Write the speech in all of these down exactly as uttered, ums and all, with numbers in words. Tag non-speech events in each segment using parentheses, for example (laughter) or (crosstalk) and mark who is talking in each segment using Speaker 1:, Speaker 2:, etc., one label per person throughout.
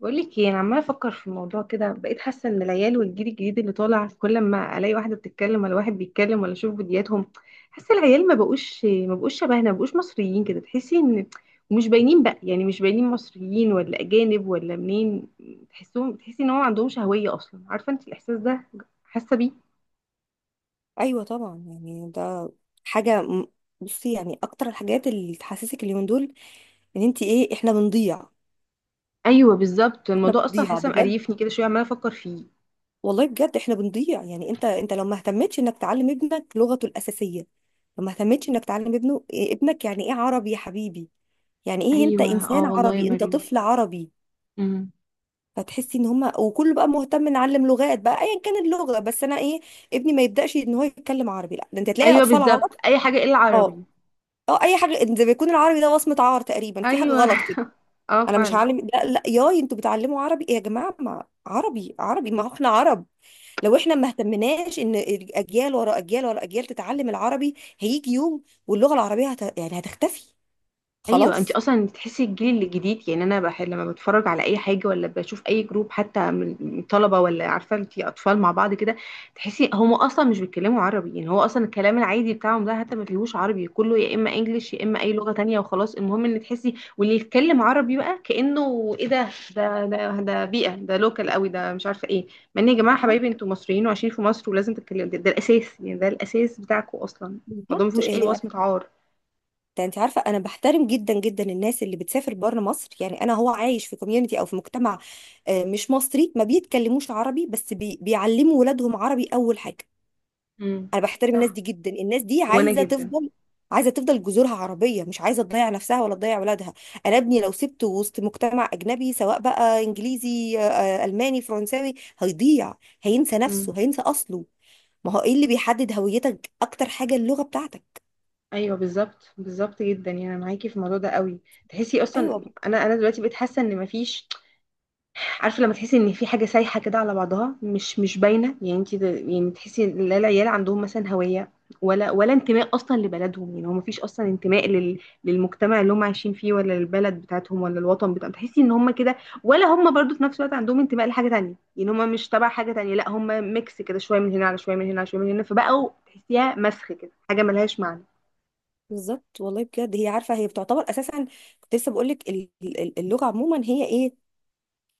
Speaker 1: بقول لك ايه، انا عماله افكر في الموضوع كده. بقيت حاسه ان العيال والجيل الجديد اللي طالع كل ما الاقي واحده بتتكلم ولا واحد بيتكلم ولا اشوف فيديوهاتهم، حاسه العيال ما بقوش ما بقوش شبهنا، ما بقوش مصريين كده. تحسي ان ومش باينين بقى، يعني مش باينين مصريين ولا اجانب ولا منين. تحسهم تحسي ان هو ما عندهمش هويه اصلا. عارفه انت الاحساس ده؟ حاسه بيه.
Speaker 2: ايوه طبعا، يعني ده حاجه م- بصي يعني اكتر الحاجات اللي تحسسك اليومين دول ان انت ايه، احنا بنضيع،
Speaker 1: ايوه بالظبط،
Speaker 2: احنا
Speaker 1: الموضوع اصلا
Speaker 2: بنضيع
Speaker 1: حاسه
Speaker 2: بجد.
Speaker 1: مقريفني كده شويه، عماله افكر فيه.
Speaker 2: والله بجد احنا بنضيع. يعني انت انت لو ما اهتمتش انك تعلم ابنك لغته الاساسيه، لو ما اهتمتش انك تعلم ابنه إيه، ابنك، يعني ايه عربي يا حبيبي؟ يعني ايه انت
Speaker 1: ايوه اه
Speaker 2: انسان
Speaker 1: والله يا
Speaker 2: عربي، انت
Speaker 1: مريم.
Speaker 2: طفل عربي.
Speaker 1: امم
Speaker 2: فتحسي ان هما وكله بقى مهتم نعلم لغات بقى ايا كان اللغه، بس انا ايه، ابني ما يبداش ان هو يتكلم عربي؟ لا، ده انت تلاقي
Speaker 1: ايوه
Speaker 2: اطفال عرب،
Speaker 1: بالظبط، اي حاجه الا
Speaker 2: اه
Speaker 1: عربي.
Speaker 2: اه اي حاجه زي ما يكون العربي ده وصمه عار تقريبا، في حاجه
Speaker 1: ايوه
Speaker 2: غلط
Speaker 1: (laughs)
Speaker 2: كده.
Speaker 1: اه
Speaker 2: انا مش
Speaker 1: فعلا.
Speaker 2: هعلم، لا لا ياي انتوا بتعلموا عربي إيه يا جماعه؟ ما عربي عربي، ما هو احنا عرب. لو احنا ما اهتمناش ان اجيال ورا اجيال ورا اجيال تتعلم العربي، هيجي يوم واللغه العربيه هت... يعني هتختفي
Speaker 1: ايوه انت
Speaker 2: خلاص.
Speaker 1: اصلا بتحسي الجيل الجديد، يعني انا بحب لما بتفرج على اي حاجه ولا بشوف اي جروب حتى من من طلبه، ولا عارفه انت اطفال مع بعض كده، تحسي هم اصلا مش بيتكلموا عربي. يعني هو اصلا الكلام العادي بتاعهم ده حتى ما فيهوش عربي، كله يا اما انجليش يا اما اي لغه تانية، وخلاص. المهم ان تحسي واللي يتكلم عربي بقى كانه ايه، ده ده ده ده بيئه، ده لوكال قوي، ده مش عارفه ايه. مع ان يا جماعه
Speaker 2: اه
Speaker 1: حبايبي، انتوا مصريين وعايشين في مصر ولازم تتكلموا ده، ده الاساس، يعني ده الاساس بتاعكم اصلا. الموضوع ما
Speaker 2: بالظبط،
Speaker 1: فيهوش اي
Speaker 2: يعني أنا-
Speaker 1: وصمه عار.
Speaker 2: انت عارفه، انا بحترم جدا جدا الناس اللي بتسافر بره مصر، يعني انا هو عايش في كوميونتي او في مجتمع آه، مش مصري، ما بيتكلموش عربي، بس بي... بيعلموا ولادهم عربي اول حاجه.
Speaker 1: امم
Speaker 2: انا بحترم الناس
Speaker 1: صح.
Speaker 2: دي جدا، الناس دي
Speaker 1: وانا
Speaker 2: عايزه
Speaker 1: جدا.
Speaker 2: تفضل، عايزه تفضل جذورها عربيه، مش عايزه تضيع نفسها ولا تضيع ولادها. انا ابني لو سبته وسط مجتمع اجنبي سواء بقى انجليزي، آه، آه، الماني، فرنساوي، هيضيع، هينسى
Speaker 1: امم
Speaker 2: نفسه، هينسى اصله. ما هو ايه اللي بيحدد هويتك اكتر حاجه؟ اللغه بتاعتك.
Speaker 1: ايوه بالظبط، بالظبط جدا، يعني انا معاكي في الموضوع ده قوي. تحسي اصلا
Speaker 2: ايوه
Speaker 1: انا انا دلوقتي بقيت حاسه ان مفيش، عارفه لما تحسي ان في حاجه سايحه كده على بعضها، مش مش باينه، يعني انت يعني تحسي ان لا العيال عندهم مثلا هويه ولا ولا انتماء اصلا لبلدهم. يعني هو مفيش اصلا انتماء لل للمجتمع اللي هم عايشين فيه ولا للبلد بتاعتهم ولا الوطن بتاعهم. تحسي ان هم كده، ولا هم برضو في نفس الوقت عندهم انتماء لحاجه تانية، يعني هم مش تبع حاجه تانية، لا هم ميكس كده، شويه من هنا على شويه من هنا على شويه من هنا، فبقوا تحسيها مسخ كده، حاجه ملهاش معنى.
Speaker 2: بالظبط، والله بجد هي عارفه، هي بتعتبر اساسا، كنت لسه بقول لك اللغه عموما هي ايه،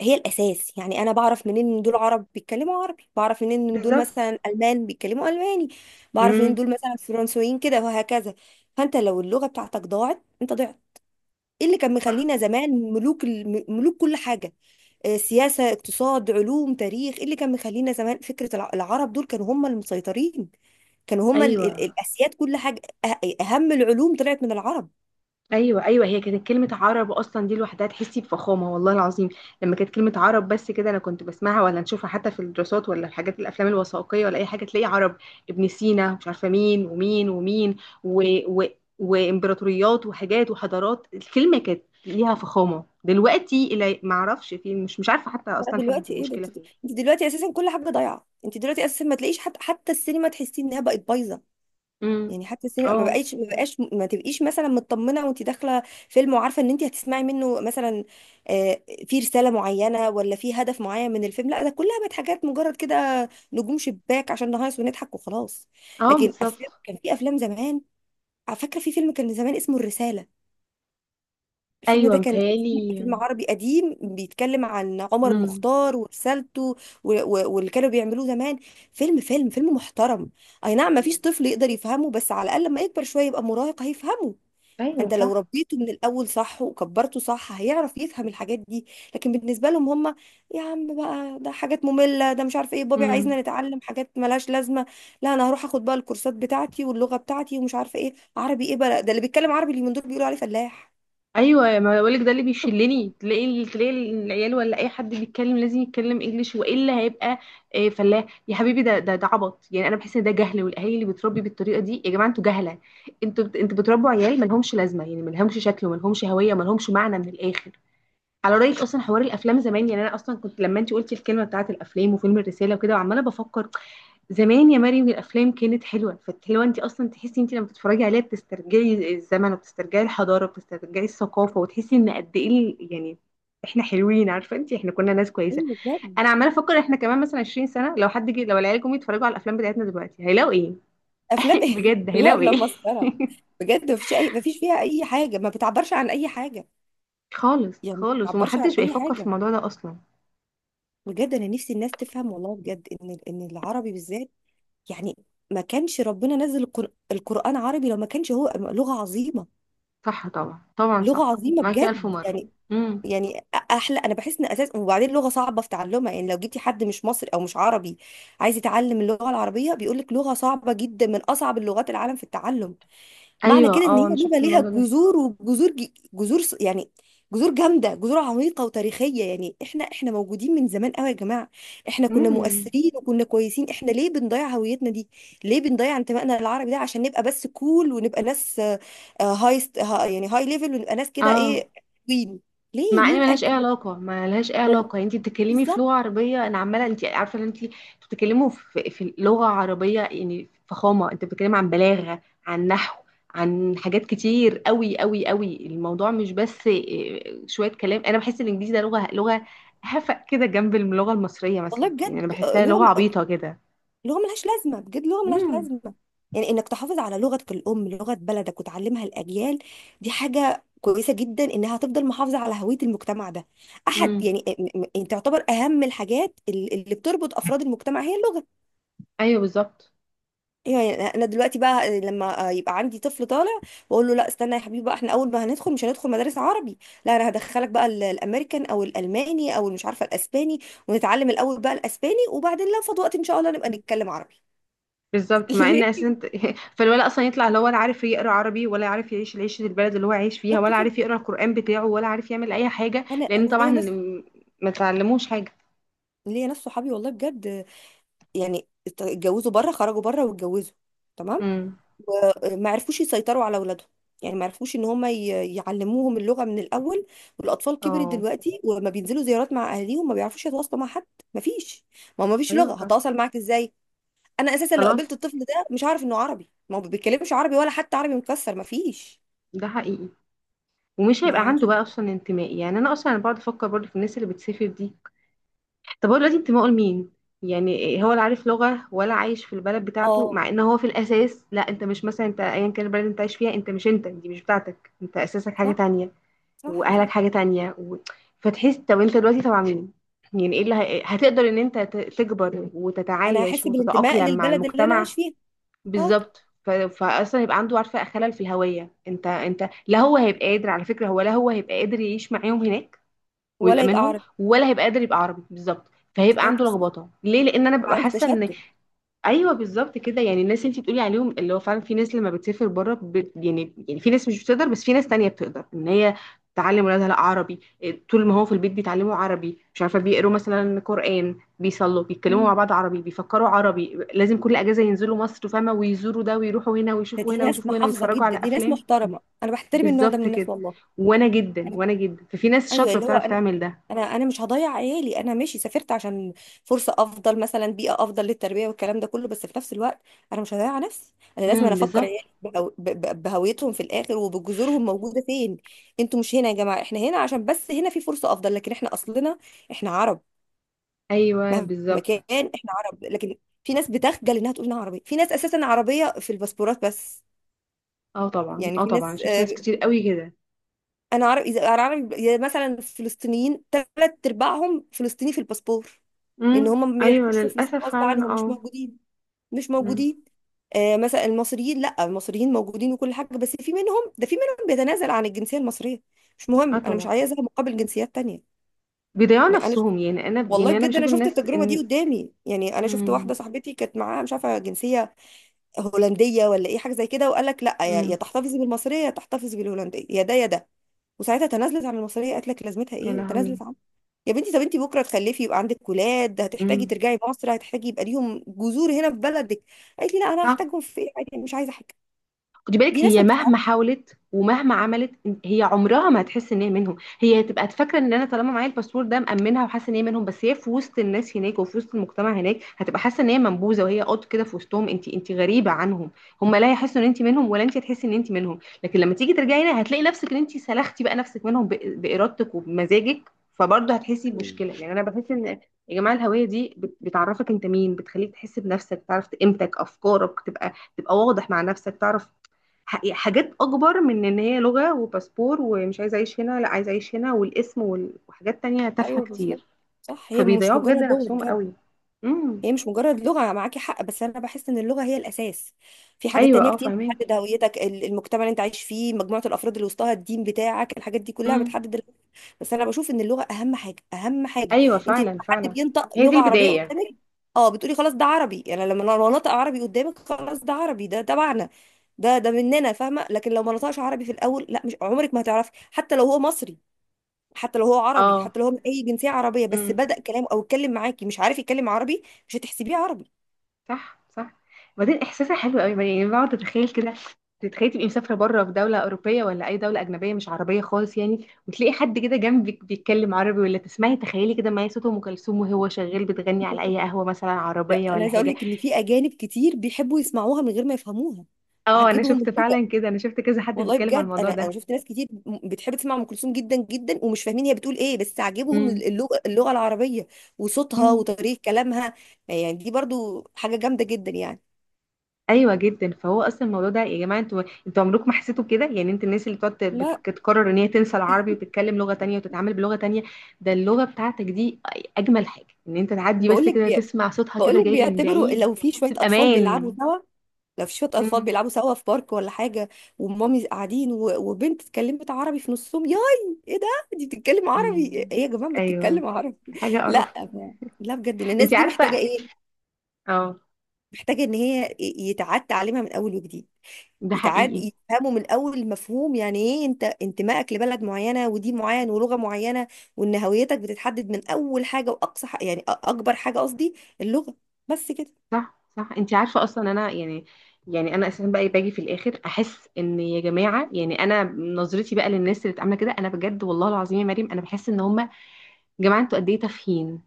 Speaker 2: هي الاساس. يعني انا بعرف منين ان دول عرب؟ بيتكلموا عربي. بعرف منين ان دول
Speaker 1: بالظبط.
Speaker 2: مثلا المان؟ بيتكلموا الماني. بعرف منين
Speaker 1: امم
Speaker 2: دول مثلا فرنسويين كده؟ وهكذا. فانت لو اللغه بتاعتك ضاعت، انت ضعت. ايه اللي كان
Speaker 1: صح.
Speaker 2: مخلينا زمان ملوك الم- ملوك كل حاجه؟ آه، سياسه، اقتصاد، علوم، تاريخ. ايه اللي كان مخلينا زمان فكره الع- العرب دول كانوا هم المسيطرين، كانوا هم ال- ال-
Speaker 1: ايوه.
Speaker 2: الاسياد كل حاجه؟ أه- اهم العلوم طلعت من العرب.
Speaker 1: ايوه ايوه هي كانت كلمه عرب اصلا دي لوحدها تحسي بفخامه، والله العظيم. لما كانت كلمه عرب بس كده انا كنت بسمعها ولا نشوفها حتى في الدراسات ولا الحاجات، الافلام الوثائقيه ولا اي حاجه، تلاقي عرب، ابن سينا، مش عارفه مين ومين ومين، و... و... وامبراطوريات وحاجات وحضارات. الكلمه كانت ليها فخامه، دلوقتي الى ما اعرفش في، مش مش عارفه حتى
Speaker 2: لا
Speaker 1: اصلا حدد
Speaker 2: دلوقتي ايه ده،
Speaker 1: المشكله
Speaker 2: انت
Speaker 1: فين.
Speaker 2: انت دلوقتي اساسا كل حاجه ضايعه، انت دلوقتي اساسا ما تلاقيش حتى حتى السينما تحسي انها بقت بايظه.
Speaker 1: امم
Speaker 2: يعني حتى السينما ما
Speaker 1: اه.
Speaker 2: بقاش ما بقاش ما تبقيش مثلا مطمنه وانت داخله فيلم وعارفه ان انت هتسمعي منه مثلا آه، في رساله معينه ولا في هدف معين من الفيلم. لا، ده كلها بقت حاجات مجرد كده نجوم شباك عشان نهيص ونضحك وخلاص.
Speaker 1: اه
Speaker 2: لكن افلام
Speaker 1: بالظبط.
Speaker 2: كان في افلام زمان، فاكره في فيلم كان زمان اسمه الرساله. الفيلم
Speaker 1: ايوه
Speaker 2: ده كان قديم-
Speaker 1: متهيألي.
Speaker 2: فيلم عربي قديم بيتكلم عن عمر
Speaker 1: امم
Speaker 2: المختار ورسالته و- و- واللي كانوا بيعملوه زمان، فيلم فيلم فيلم محترم. اي نعم ما
Speaker 1: ايوه.
Speaker 2: فيش طفل يقدر يفهمه، بس على الاقل لما يكبر شويه يبقى مراهق هيفهمه.
Speaker 1: ايوه
Speaker 2: انت لو
Speaker 1: صح.
Speaker 2: ربيته من الاول صح وكبرته صح هيعرف يفهم الحاجات دي. لكن بالنسبه لهم هم، يا عم بقى ده حاجات ممله، ده مش عارف ايه بابي
Speaker 1: امم
Speaker 2: عايزنا نتعلم حاجات ملهاش لازمه، لا انا هروح اخد بقى الكورسات بتاعتي واللغه بتاعتي ومش عارفه ايه، عربي ايه بقى؟ ده اللي بيتكلم عربي اللي من دول بيقولوا عليه فلاح.
Speaker 1: ايوه ما بقولك، ده اللي بيشلني، تلاقي تلاقي العيال ولا اي حد بيتكلم لازم يتكلم انجليش، والا هيبقى آه، فلاح يا حبيبي. ده ده ده عبط. يعني انا بحس ان ده جهل، والاهالي اللي بتربي بالطريقه دي يا جماعه انتوا جهله. انتوا بت- انتوا بتربوا عيال ما لهمش لازمه، يعني ما لهمش شكل، وما لهمش هويه، وما لهمش معنى من الاخر. على رايك، اصلا حوار الافلام زمان، يعني انا اصلا كنت لما انت قلتي الكلمه بتاعت الافلام وفيلم الرساله وكده، وعماله بفكر، زمان يا مريم الافلام كانت حلوه. فالحلوه انت اصلا تحسي انت لما بتتفرجي عليها بتسترجعي الزمن، وبتسترجعي الحضاره، وبتسترجعي الثقافه، وتحسي ان قد ايه ال- يعني احنا حلوين. عارفه انت احنا كنا ناس كويسه.
Speaker 2: ايوه بجد.
Speaker 1: انا عماله افكر احنا كمان مثلا عشرين سنه، لو حد جه، لو العيال جم يتفرجوا على الافلام بتاعتنا دلوقتي هيلاقوا ايه؟
Speaker 2: افلام
Speaker 1: (laughs)
Speaker 2: ايه؟ (laughs)
Speaker 1: بجد
Speaker 2: كلها
Speaker 1: هيلاقوا
Speaker 2: افلام
Speaker 1: ايه؟
Speaker 2: مسخره.
Speaker 1: (laughs)
Speaker 2: بجد مفيش اي، مفيش فيها اي حاجه، ما بتعبرش عن اي حاجه.
Speaker 1: خالص
Speaker 2: يعني ما
Speaker 1: خالص،
Speaker 2: بتعبرش عن
Speaker 1: ومحدش بقى
Speaker 2: اي
Speaker 1: يفكر في
Speaker 2: حاجه.
Speaker 1: الموضوع ده اصلا.
Speaker 2: بجد انا نفسي الناس تفهم والله بجد ان ان العربي بالذات، يعني ما كانش ربنا نزل القر- القران عربي لو ما كانش هو لغه عظيمه.
Speaker 1: صح طبعا، طبعا،
Speaker 2: لغه
Speaker 1: صح
Speaker 2: عظيمه
Speaker 1: معاكي الف
Speaker 2: بجد
Speaker 1: مره.
Speaker 2: يعني.
Speaker 1: امم
Speaker 2: يعني احلى، انا بحس ان اساس، وبعدين لغه صعبه في تعلمها. يعني لو جبتي حد مش مصري او مش عربي عايز يتعلم اللغه العربيه، بيقول لك لغه صعبه جدا من اصعب اللغات العالم في التعلم. معنى كده
Speaker 1: ايوه.
Speaker 2: ان
Speaker 1: اه انا
Speaker 2: هي بيبقى
Speaker 1: شفت
Speaker 2: ليها
Speaker 1: الموضوع ده.
Speaker 2: جذور، وجذور ج- جذور س- يعني جذور جامده، جذور عميقه وتاريخيه. يعني احنا احنا موجودين من زمان قوي يا جماعه، احنا كنا
Speaker 1: امم
Speaker 2: مؤثرين وكنا كويسين، احنا ليه بنضيع هويتنا دي؟ ليه بنضيع انتمائنا للعربي ده عشان نبقى بس كول، ونبقى ناس آه، آه، هاي ست- ها- يعني هاي ليفل، ونبقى ناس كده
Speaker 1: اه.
Speaker 2: ايه؟ وين؟ ليه؟
Speaker 1: مع ان
Speaker 2: مين
Speaker 1: ملهاش
Speaker 2: قال
Speaker 1: اي
Speaker 2: كده؟
Speaker 1: علاقه، ملهاش اي
Speaker 2: والله
Speaker 1: علاقه. يعني انت بتتكلمي في
Speaker 2: بالظبط،
Speaker 1: لغه عربيه، انا عماله، انت عارفه ان انت بتتكلموا في، في لغه عربيه، يعني فخامه. انت بتتكلمي عن بلاغه، عن نحو، عن حاجات كتير قوي قوي قوي. الموضوع مش بس إيه، شويه كلام. انا بحس الانجليزي ده لغه، لغه هفق كده جنب اللغه المصريه
Speaker 2: والله
Speaker 1: مثلا، يعني انا
Speaker 2: بجد آه،
Speaker 1: بحسها
Speaker 2: اللي هو
Speaker 1: لغه عبيطه كده.
Speaker 2: لغه ملهاش لازمه بجد، لغه ملهاش
Speaker 1: امم
Speaker 2: لازمه. يعني انك تحافظ على لغتك الام، لغه بلدك، وتعلمها الاجيال، دي حاجه كويسه جدا، انها هتفضل محافظه على هويه المجتمع ده. احد
Speaker 1: امم
Speaker 2: يعني، م- م- تعتبر اهم الحاجات ال- اللي بتربط افراد المجتمع هي اللغه.
Speaker 1: ايوه بالظبط،
Speaker 2: يعني انا دلوقتي بقى لما يبقى عندي طفل طالع، واقول له لا استنى يا حبيبي بقى، احنا اول ما هندخل، مش هندخل مدارس عربي، لا انا هدخلك بقى ال- الامريكان او الالماني او مش عارفه الاسباني، ونتعلم الاول بقى الاسباني، وبعدين لو فاض وقت ان شاء الله نبقى نتكلم عربي.
Speaker 1: بالظبط.
Speaker 2: (laughs)
Speaker 1: مع ان
Speaker 2: ليه؟
Speaker 1: اساسا انت- (laughs) فالولد اصلا يطلع لا هو ولا عارف يقرا عربي، ولا عارف يعيش العيشه البلد اللي هو عايش فيها،
Speaker 2: بالظبط
Speaker 1: ولا
Speaker 2: كده.
Speaker 1: عارف يقرا القران بتاعه، ولا عارف يعمل اي حاجه،
Speaker 2: انا
Speaker 1: لان
Speaker 2: انا
Speaker 1: طبعا
Speaker 2: ليا ناس،
Speaker 1: ما تعلموش حاجه.
Speaker 2: ليا ناس صحابي والله بجد، يعني ات- اتجوزوا بره، خرجوا بره واتجوزوا، تمام،
Speaker 1: امم
Speaker 2: وما عرفوش يسيطروا على اولادهم، يعني ما عرفوش ان هم ي- يعلموهم اللغه من الاول، والاطفال كبرت
Speaker 1: اه.
Speaker 2: دلوقتي وما بينزلوا زيارات مع اهاليهم، ما بيعرفوش يتواصلوا مع حد. ما فيش، ما هو ما فيش
Speaker 1: ايوه
Speaker 2: لغه،
Speaker 1: طبعا.
Speaker 2: هتواصل معاك ازاي؟ انا اساسا لو
Speaker 1: خلاص.
Speaker 2: قابلت الطفل ده مش عارف انه عربي، ما هو ما بيتكلمش عربي ولا حتى عربي مكسر، ما فيش.
Speaker 1: ده حقيقي. ومش هيبقى
Speaker 2: ما
Speaker 1: عنده بقى اصلا انتماء. يعني انا اصلا بقعد افكر برضه في الناس اللي بتسافر دي، طب هو دلوقتي انتمائه لمين؟ يعني هو لا عارف لغه، ولا عايش في البلد بتاعته،
Speaker 2: اه.
Speaker 1: مع ان هو في الاساس، لا انت مش مثلا، انت ايا كان البلد اللي انت عايش فيها، انت مش، انت دي مش بتاعتك، انت اساسك حاجه
Speaker 2: صح
Speaker 1: تانية،
Speaker 2: صح
Speaker 1: واهلك
Speaker 2: صح
Speaker 1: حاجه تانية و... فتحس طب انت دلوقتي تبع مين؟ يعني ايه اللي ه... هتقدر ان انت ت- تكبر
Speaker 2: انا
Speaker 1: وتتعايش
Speaker 2: هحس بالانتماء
Speaker 1: وتتاقلم مع
Speaker 2: للبلد اللي انا
Speaker 1: المجتمع.
Speaker 2: عايش فيها. اه.
Speaker 1: بالظبط. ف... فاصلا يبقى عنده، عارفه، خلل في الهويه. انت انت لا هو هيبقى قادر، على فكره هو لا هو هيبقى قادر يعيش معاهم هناك ويبقى
Speaker 2: ولا يبقى
Speaker 1: منهم،
Speaker 2: عربي.
Speaker 1: ولا هيبقى قادر يبقى عربي. بالظبط.
Speaker 2: مش
Speaker 1: فهيبقى
Speaker 2: قادر،
Speaker 1: عنده لخبطه. ليه؟ لان انا ببقى
Speaker 2: عنده
Speaker 1: حاسه ان،
Speaker 2: تشتت.
Speaker 1: ايوه بالظبط كده. يعني الناس اللي انت بتقولي عليهم اللي هو فعلا، في ناس لما بتسافر بره بت، يعني يعني في ناس مش بتقدر، بس في ناس تانية بتقدر ان هي تعلم ولادها لا عربي إيه، طول ما هو في البيت بيتعلموا عربي، مش عارفه بيقروا مثلا قرآن، بيصلوا، بيتكلموا مع
Speaker 2: مم.
Speaker 1: بعض عربي، بيفكروا عربي، لازم كل اجازه ينزلوا مصر، فاهمه، ويزوروا ده ويروحوا هنا
Speaker 2: ده
Speaker 1: ويشوفوا
Speaker 2: دي
Speaker 1: هنا
Speaker 2: ناس
Speaker 1: ويشوفوا هنا
Speaker 2: محافظه
Speaker 1: ويتفرجوا على
Speaker 2: جدا، دي ناس
Speaker 1: افلام.
Speaker 2: محترمه، انا بحترم النوع ده من
Speaker 1: بالظبط
Speaker 2: الناس
Speaker 1: كده.
Speaker 2: والله.
Speaker 1: وانا جدا،
Speaker 2: انا
Speaker 1: وانا جدا. ففي ناس
Speaker 2: ايوه،
Speaker 1: شاطره
Speaker 2: اللي هو
Speaker 1: بتعرف
Speaker 2: انا،
Speaker 1: تعمل ده.
Speaker 2: انا انا مش هضيع عيالي، انا ماشي سافرت عشان فرصه افضل مثلا، بيئه افضل للتربيه والكلام ده كله، بس في نفس الوقت انا مش هضيع نفسي، انا لازم انا
Speaker 1: امم
Speaker 2: افكر
Speaker 1: بالظبط.
Speaker 2: عيالي بهو- ب- ب- بهويتهم في الاخر، وبجذورهم موجوده فين. انتوا مش هنا يا جماعه، احنا هنا عشان بس هنا في فرصه افضل، لكن احنا اصلنا احنا عرب،
Speaker 1: ايوه
Speaker 2: مهما
Speaker 1: بالظبط.
Speaker 2: كان احنا عرب. لكن في ناس بتخجل انها تقول انها عربيه، في ناس اساسا عربيه في الباسبورات بس،
Speaker 1: اه طبعا،
Speaker 2: يعني
Speaker 1: اه
Speaker 2: في
Speaker 1: طبعا
Speaker 2: ناس
Speaker 1: شفت ناس
Speaker 2: آه،
Speaker 1: كتير قوي كده.
Speaker 2: انا عرب اذا، انا عربي إذا، مثلا فلسطينيين ثلاث ارباعهم فلسطيني في الباسبور، لان
Speaker 1: امم
Speaker 2: هم ما
Speaker 1: ايوه
Speaker 2: بيعيشوا في فلسطين
Speaker 1: للاسف،
Speaker 2: غصب
Speaker 1: فعلا.
Speaker 2: عنهم، مش
Speaker 1: اه.
Speaker 2: موجودين، مش
Speaker 1: مم.
Speaker 2: موجودين. آه مثلا المصريين، لا المصريين موجودين وكل حاجه، بس في منهم ده، في منهم بيتنازل عن الجنسيه المصريه، مش
Speaker 1: اه
Speaker 2: مهم، انا مش
Speaker 1: طبعا.
Speaker 2: عايزها مقابل جنسيات تانية.
Speaker 1: بيضيعوا
Speaker 2: يعني انا شفت،
Speaker 1: نفسهم. يعني انا،
Speaker 2: والله
Speaker 1: يعني انا
Speaker 2: بجد انا
Speaker 1: بشوف
Speaker 2: شفت
Speaker 1: الناس
Speaker 2: التجربه دي
Speaker 1: ان،
Speaker 2: قدامي، يعني انا شفت
Speaker 1: امم
Speaker 2: واحده صاحبتي كانت معاها مش عارفه جنسيه هولنديه ولا ايه حاجه زي كده، وقال لك لا، يا يا
Speaker 1: امم
Speaker 2: تحتفظي بالمصريه يا تحتفظي بالهولنديه، يا ده يا ده، وساعتها تنازلت عن المصريه، قالت لك لازمتها
Speaker 1: يا
Speaker 2: ايه،
Speaker 1: لهوي.
Speaker 2: وتنازلت عن. يا بنتي طب انتي بكره تخلفي يبقى عندك ولاد، هتحتاجي
Speaker 1: امم
Speaker 2: ترجعي مصر، هتحتاجي يبقى ليهم جذور هنا في بلدك. قالت لي لا انا
Speaker 1: صح.
Speaker 2: هحتاجهم في ايه، عادي أنا مش عايزه حاجه.
Speaker 1: خدي
Speaker 2: دي
Speaker 1: بالك
Speaker 2: ناس
Speaker 1: هي
Speaker 2: ما
Speaker 1: مهما
Speaker 2: بتفهمش.
Speaker 1: حاولت ومهما عملت، هي عمرها ما هتحس ان هي منهم. هي هتبقى فاكره ان انا طالما معايا الباسبور ده مأمنها وحاسه ان هي منهم، بس هي في وسط الناس هناك وفي وسط المجتمع هناك هتبقى حاسه ان هي منبوذه، وهي قط كده في وسطهم. انت انت غريبه عنهم. هم لا يحسوا ان انت منهم، ولا انت هتحسي ان انت منهم، لكن لما تيجي ترجعي هنا هتلاقي نفسك ان انت سلختي بقى نفسك منهم بإ- بارادتك وبمزاجك. فبرضه هتحسي
Speaker 2: مم.
Speaker 1: بمشكله. يعني انا بحس ان يا جماعه، الهويه دي بت- بتعرفك انت مين، بتخليك تحس بنفسك، تعرف قيمتك، افكارك تبقى، تبقى واضح مع نفسك، تعرف ح- يعني حاجات اكبر من ان هي لغة وباسبور ومش عايزة اعيش هنا، لا عايزة اعيش هنا والاسم وال- وحاجات تانية تافهة
Speaker 2: ايوه بالظبط.
Speaker 1: كتير.
Speaker 2: صح هي مش
Speaker 1: فبيضيعوا بجد
Speaker 2: مجرد لغه
Speaker 1: نفسهم
Speaker 2: بجد.
Speaker 1: قوي. امم
Speaker 2: هي مش مجرد لغة، معاكي حق، بس أنا بحس إن اللغة هي الأساس. في حاجات
Speaker 1: ايوه.
Speaker 2: تانية
Speaker 1: اه
Speaker 2: كتير
Speaker 1: فاهمك.
Speaker 2: بتحدد هويتك ال- المجتمع اللي أنت عايش فيه، مجموعة الأفراد اللي وسطها، الدين بتاعك، الحاجات دي كلها
Speaker 1: امم
Speaker 2: بتحدد ال- بس أنا بشوف إن اللغة أهم حاجة، أهم حاجة.
Speaker 1: ايوه
Speaker 2: أنت
Speaker 1: فعلا،
Speaker 2: لما حد
Speaker 1: فعلا.
Speaker 2: بينطق
Speaker 1: هي دي
Speaker 2: لغة عربية
Speaker 1: البداية.
Speaker 2: قدامك، أه بتقولي خلاص ده عربي. يعني لما أنا نطق عربي قدامك خلاص ده عربي، ده تبعنا، ده ده مننا، فاهمة؟ لكن لو ما نطقش عربي في الأول، لا مش عمرك ما هتعرفي، حتى لو هو مصري، حتى لو هو عربي،
Speaker 1: اه.
Speaker 2: حتى لو هو من اي جنسيه عربيه، بس
Speaker 1: امم
Speaker 2: بدأ كلامه او اتكلم معاكي مش عارف يتكلم عربي، مش هتحسبيه عربي.
Speaker 1: صح صح. وبعدين احساسها حلو قوي، يعني بقعد اتخيل كده، تتخيلي تبقي مسافرة بره في دولة أوروبية ولا أي دولة أجنبية مش عربية خالص، يعني، وتلاقي حد كده جنبك بيتكلم عربي، ولا تسمعي تخيلي كده معايا صوت أم كلثوم وهو شغال بتغني على
Speaker 2: (laughs)
Speaker 1: أي قهوة مثلا
Speaker 2: ده
Speaker 1: عربية
Speaker 2: انا
Speaker 1: ولا
Speaker 2: عايزه اقول
Speaker 1: حاجة.
Speaker 2: لك ان في اجانب كتير بيحبوا يسمعوها من غير ما يفهموها،
Speaker 1: اه انا
Speaker 2: عجبهم
Speaker 1: شفت
Speaker 2: الفكره.
Speaker 1: فعلا كده، انا شفت كذا حد
Speaker 2: والله
Speaker 1: بيتكلم عن
Speaker 2: بجد
Speaker 1: الموضوع
Speaker 2: انا، انا
Speaker 1: ده.
Speaker 2: شفت ناس كتير م- بتحب تسمع ام كلثوم جدا جدا، ومش فاهمين هي بتقول ايه، بس عاجبهم
Speaker 1: امم
Speaker 2: اللغه، اللغه العربيه، وصوتها
Speaker 1: مم.
Speaker 2: وطريقه كلامها. يعني دي برضو حاجه جامده جدا يعني.
Speaker 1: ايوه جدا. فهو اصلا الموضوع ده يا جماعه، انتوا انتوا عمركم ما حسيتوا كده؟ يعني انت الناس اللي بتقعد
Speaker 2: لا
Speaker 1: بتك- بتقرر ان هي تنسى العربي وتتكلم لغه تانية وتتعامل بلغه تانية، ده اللغه بتاعتك دي. اجمل حاجه ان انت تعدي
Speaker 2: بقول
Speaker 1: بس
Speaker 2: لك
Speaker 1: كده
Speaker 2: بي...
Speaker 1: تسمع صوتها
Speaker 2: بقول
Speaker 1: كده
Speaker 2: لك
Speaker 1: جاي من
Speaker 2: بيعتبروا
Speaker 1: بعيد
Speaker 2: لو في شويه
Speaker 1: تحس
Speaker 2: اطفال بيلعبوا
Speaker 1: بامان.
Speaker 2: سوا، لو في شويه اطفال
Speaker 1: امم
Speaker 2: بيلعبوا سوا في بارك ولا حاجه، ومامي قاعدين و- وبنت اتكلمت عربي في نصهم، ياي ايه ده، دي بتتكلم عربي،
Speaker 1: امم
Speaker 2: ايه يا جماعه
Speaker 1: ايوه،
Speaker 2: بتتكلم عربي؟
Speaker 1: حاجه
Speaker 2: (laughs) لا
Speaker 1: قرف.
Speaker 2: لا بجد إن الناس
Speaker 1: انت
Speaker 2: دي محتاجه
Speaker 1: عارفه،
Speaker 2: ايه،
Speaker 1: اه،
Speaker 2: محتاجه ان هي يتعاد تعليمها من اول وجديد،
Speaker 1: ده
Speaker 2: يتعاد
Speaker 1: حقيقي.
Speaker 2: يفهموا من اول المفهوم يعني ايه، انت انتمائك لبلد معينه ودين معين ولغه معينه، وان هويتك بتتحدد من اول حاجه، واقصى ح- يعني أ- اكبر حاجه قصدي، اللغه، بس كده.
Speaker 1: صح صح. انت عارفه اصلا انا، يعني يعني انا اساسا بقى باجي في الاخر احس ان يا جماعه، يعني انا نظرتي بقى للناس اللي بتعمل كده، انا بجد والله العظيم يا مريم انا بحس ان هم، يا جماعه انتوا قد ايه تافهين،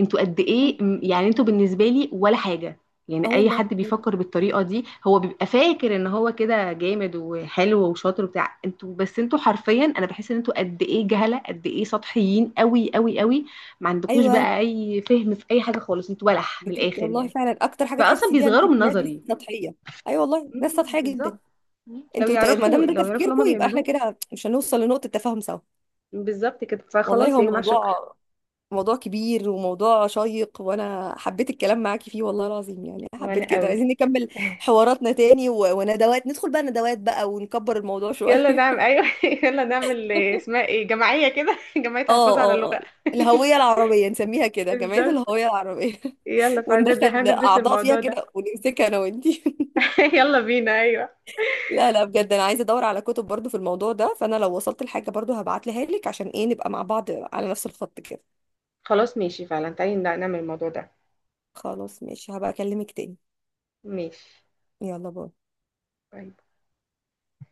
Speaker 1: انتوا قد ايه م- يعني انتوا بالنسبه لي ولا حاجه.
Speaker 2: اه
Speaker 1: يعني اي
Speaker 2: والله
Speaker 1: حد
Speaker 2: بجد.
Speaker 1: بيفكر بالطريقه دي هو بيبقى فاكر ان هو كده جامد وحلو وشاطر وبتاع، انتوا بس انتوا حرفيا، انا بحس ان انتوا قد ايه جهله، قد ايه سطحيين قوي قوي قوي. ما عندكوش
Speaker 2: ايوه
Speaker 1: بقى اي فهم في اي حاجه خالص، انتوا بلح من
Speaker 2: بجد
Speaker 1: الاخر
Speaker 2: والله
Speaker 1: يعني.
Speaker 2: فعلا، اكتر حاجه
Speaker 1: فاصلا
Speaker 2: تحسي بيها ان
Speaker 1: بيصغروا من
Speaker 2: الناس دي
Speaker 1: نظري.
Speaker 2: سطحيه. ايوه والله ناس
Speaker 1: مم،
Speaker 2: سطحيه جدا.
Speaker 1: بالظبط. مم. لو
Speaker 2: انتوا ت- ما
Speaker 1: يعرفوا،
Speaker 2: دام ده
Speaker 1: لو يعرفوا
Speaker 2: تفكيركم
Speaker 1: اللي هما
Speaker 2: يبقى احنا
Speaker 1: بيعملوه.
Speaker 2: كده مش هنوصل لنقطه تفاهم سوا.
Speaker 1: بالظبط كده.
Speaker 2: والله
Speaker 1: فخلاص
Speaker 2: هو
Speaker 1: يا جماعه، شكرا.
Speaker 2: موضوع، موضوع كبير وموضوع شيق، وانا حبيت الكلام معاكي فيه والله العظيم، يعني حبيت
Speaker 1: وانا
Speaker 2: كده،
Speaker 1: قوي.
Speaker 2: عايزين نكمل
Speaker 1: (laughs)
Speaker 2: حواراتنا تاني، و- وندوات، ندخل بقى ندوات بقى ونكبر الموضوع شويه.
Speaker 1: يلا نعمل، ايوه (laughs) يلا نعمل إيه، اسمها
Speaker 2: (laughs)
Speaker 1: ايه، جمعيه كده (laughs) جمعيه
Speaker 2: اه
Speaker 1: تحفظ على
Speaker 2: اه
Speaker 1: اللغه.
Speaker 2: اه الهويه العربيه، نسميها
Speaker 1: (laughs)
Speaker 2: كده جمعيه
Speaker 1: بالظبط.
Speaker 2: الهويه العربيه.
Speaker 1: يلا،
Speaker 2: (laughs)
Speaker 1: فهندرس،
Speaker 2: وندخل
Speaker 1: هندرس
Speaker 2: اعضاء فيها
Speaker 1: الموضوع ده.
Speaker 2: كده ونمسكها انا وانتي.
Speaker 1: (laughs) يلا بينا، ايوه.
Speaker 2: لا لا بجد انا عايزه ادور على كتب برضو في الموضوع ده، فانا لو وصلت لحاجه برضو هبعتلها لك، عشان ايه، نبقى مع بعض على نفس الخط كده.
Speaker 1: خلاص ماشي، فعلا تعالي نعمل الموضوع ده.
Speaker 2: خلاص ماشي، هبقى اكلمك تاني.
Speaker 1: ماشي.
Speaker 2: يلا باي.
Speaker 1: طيب.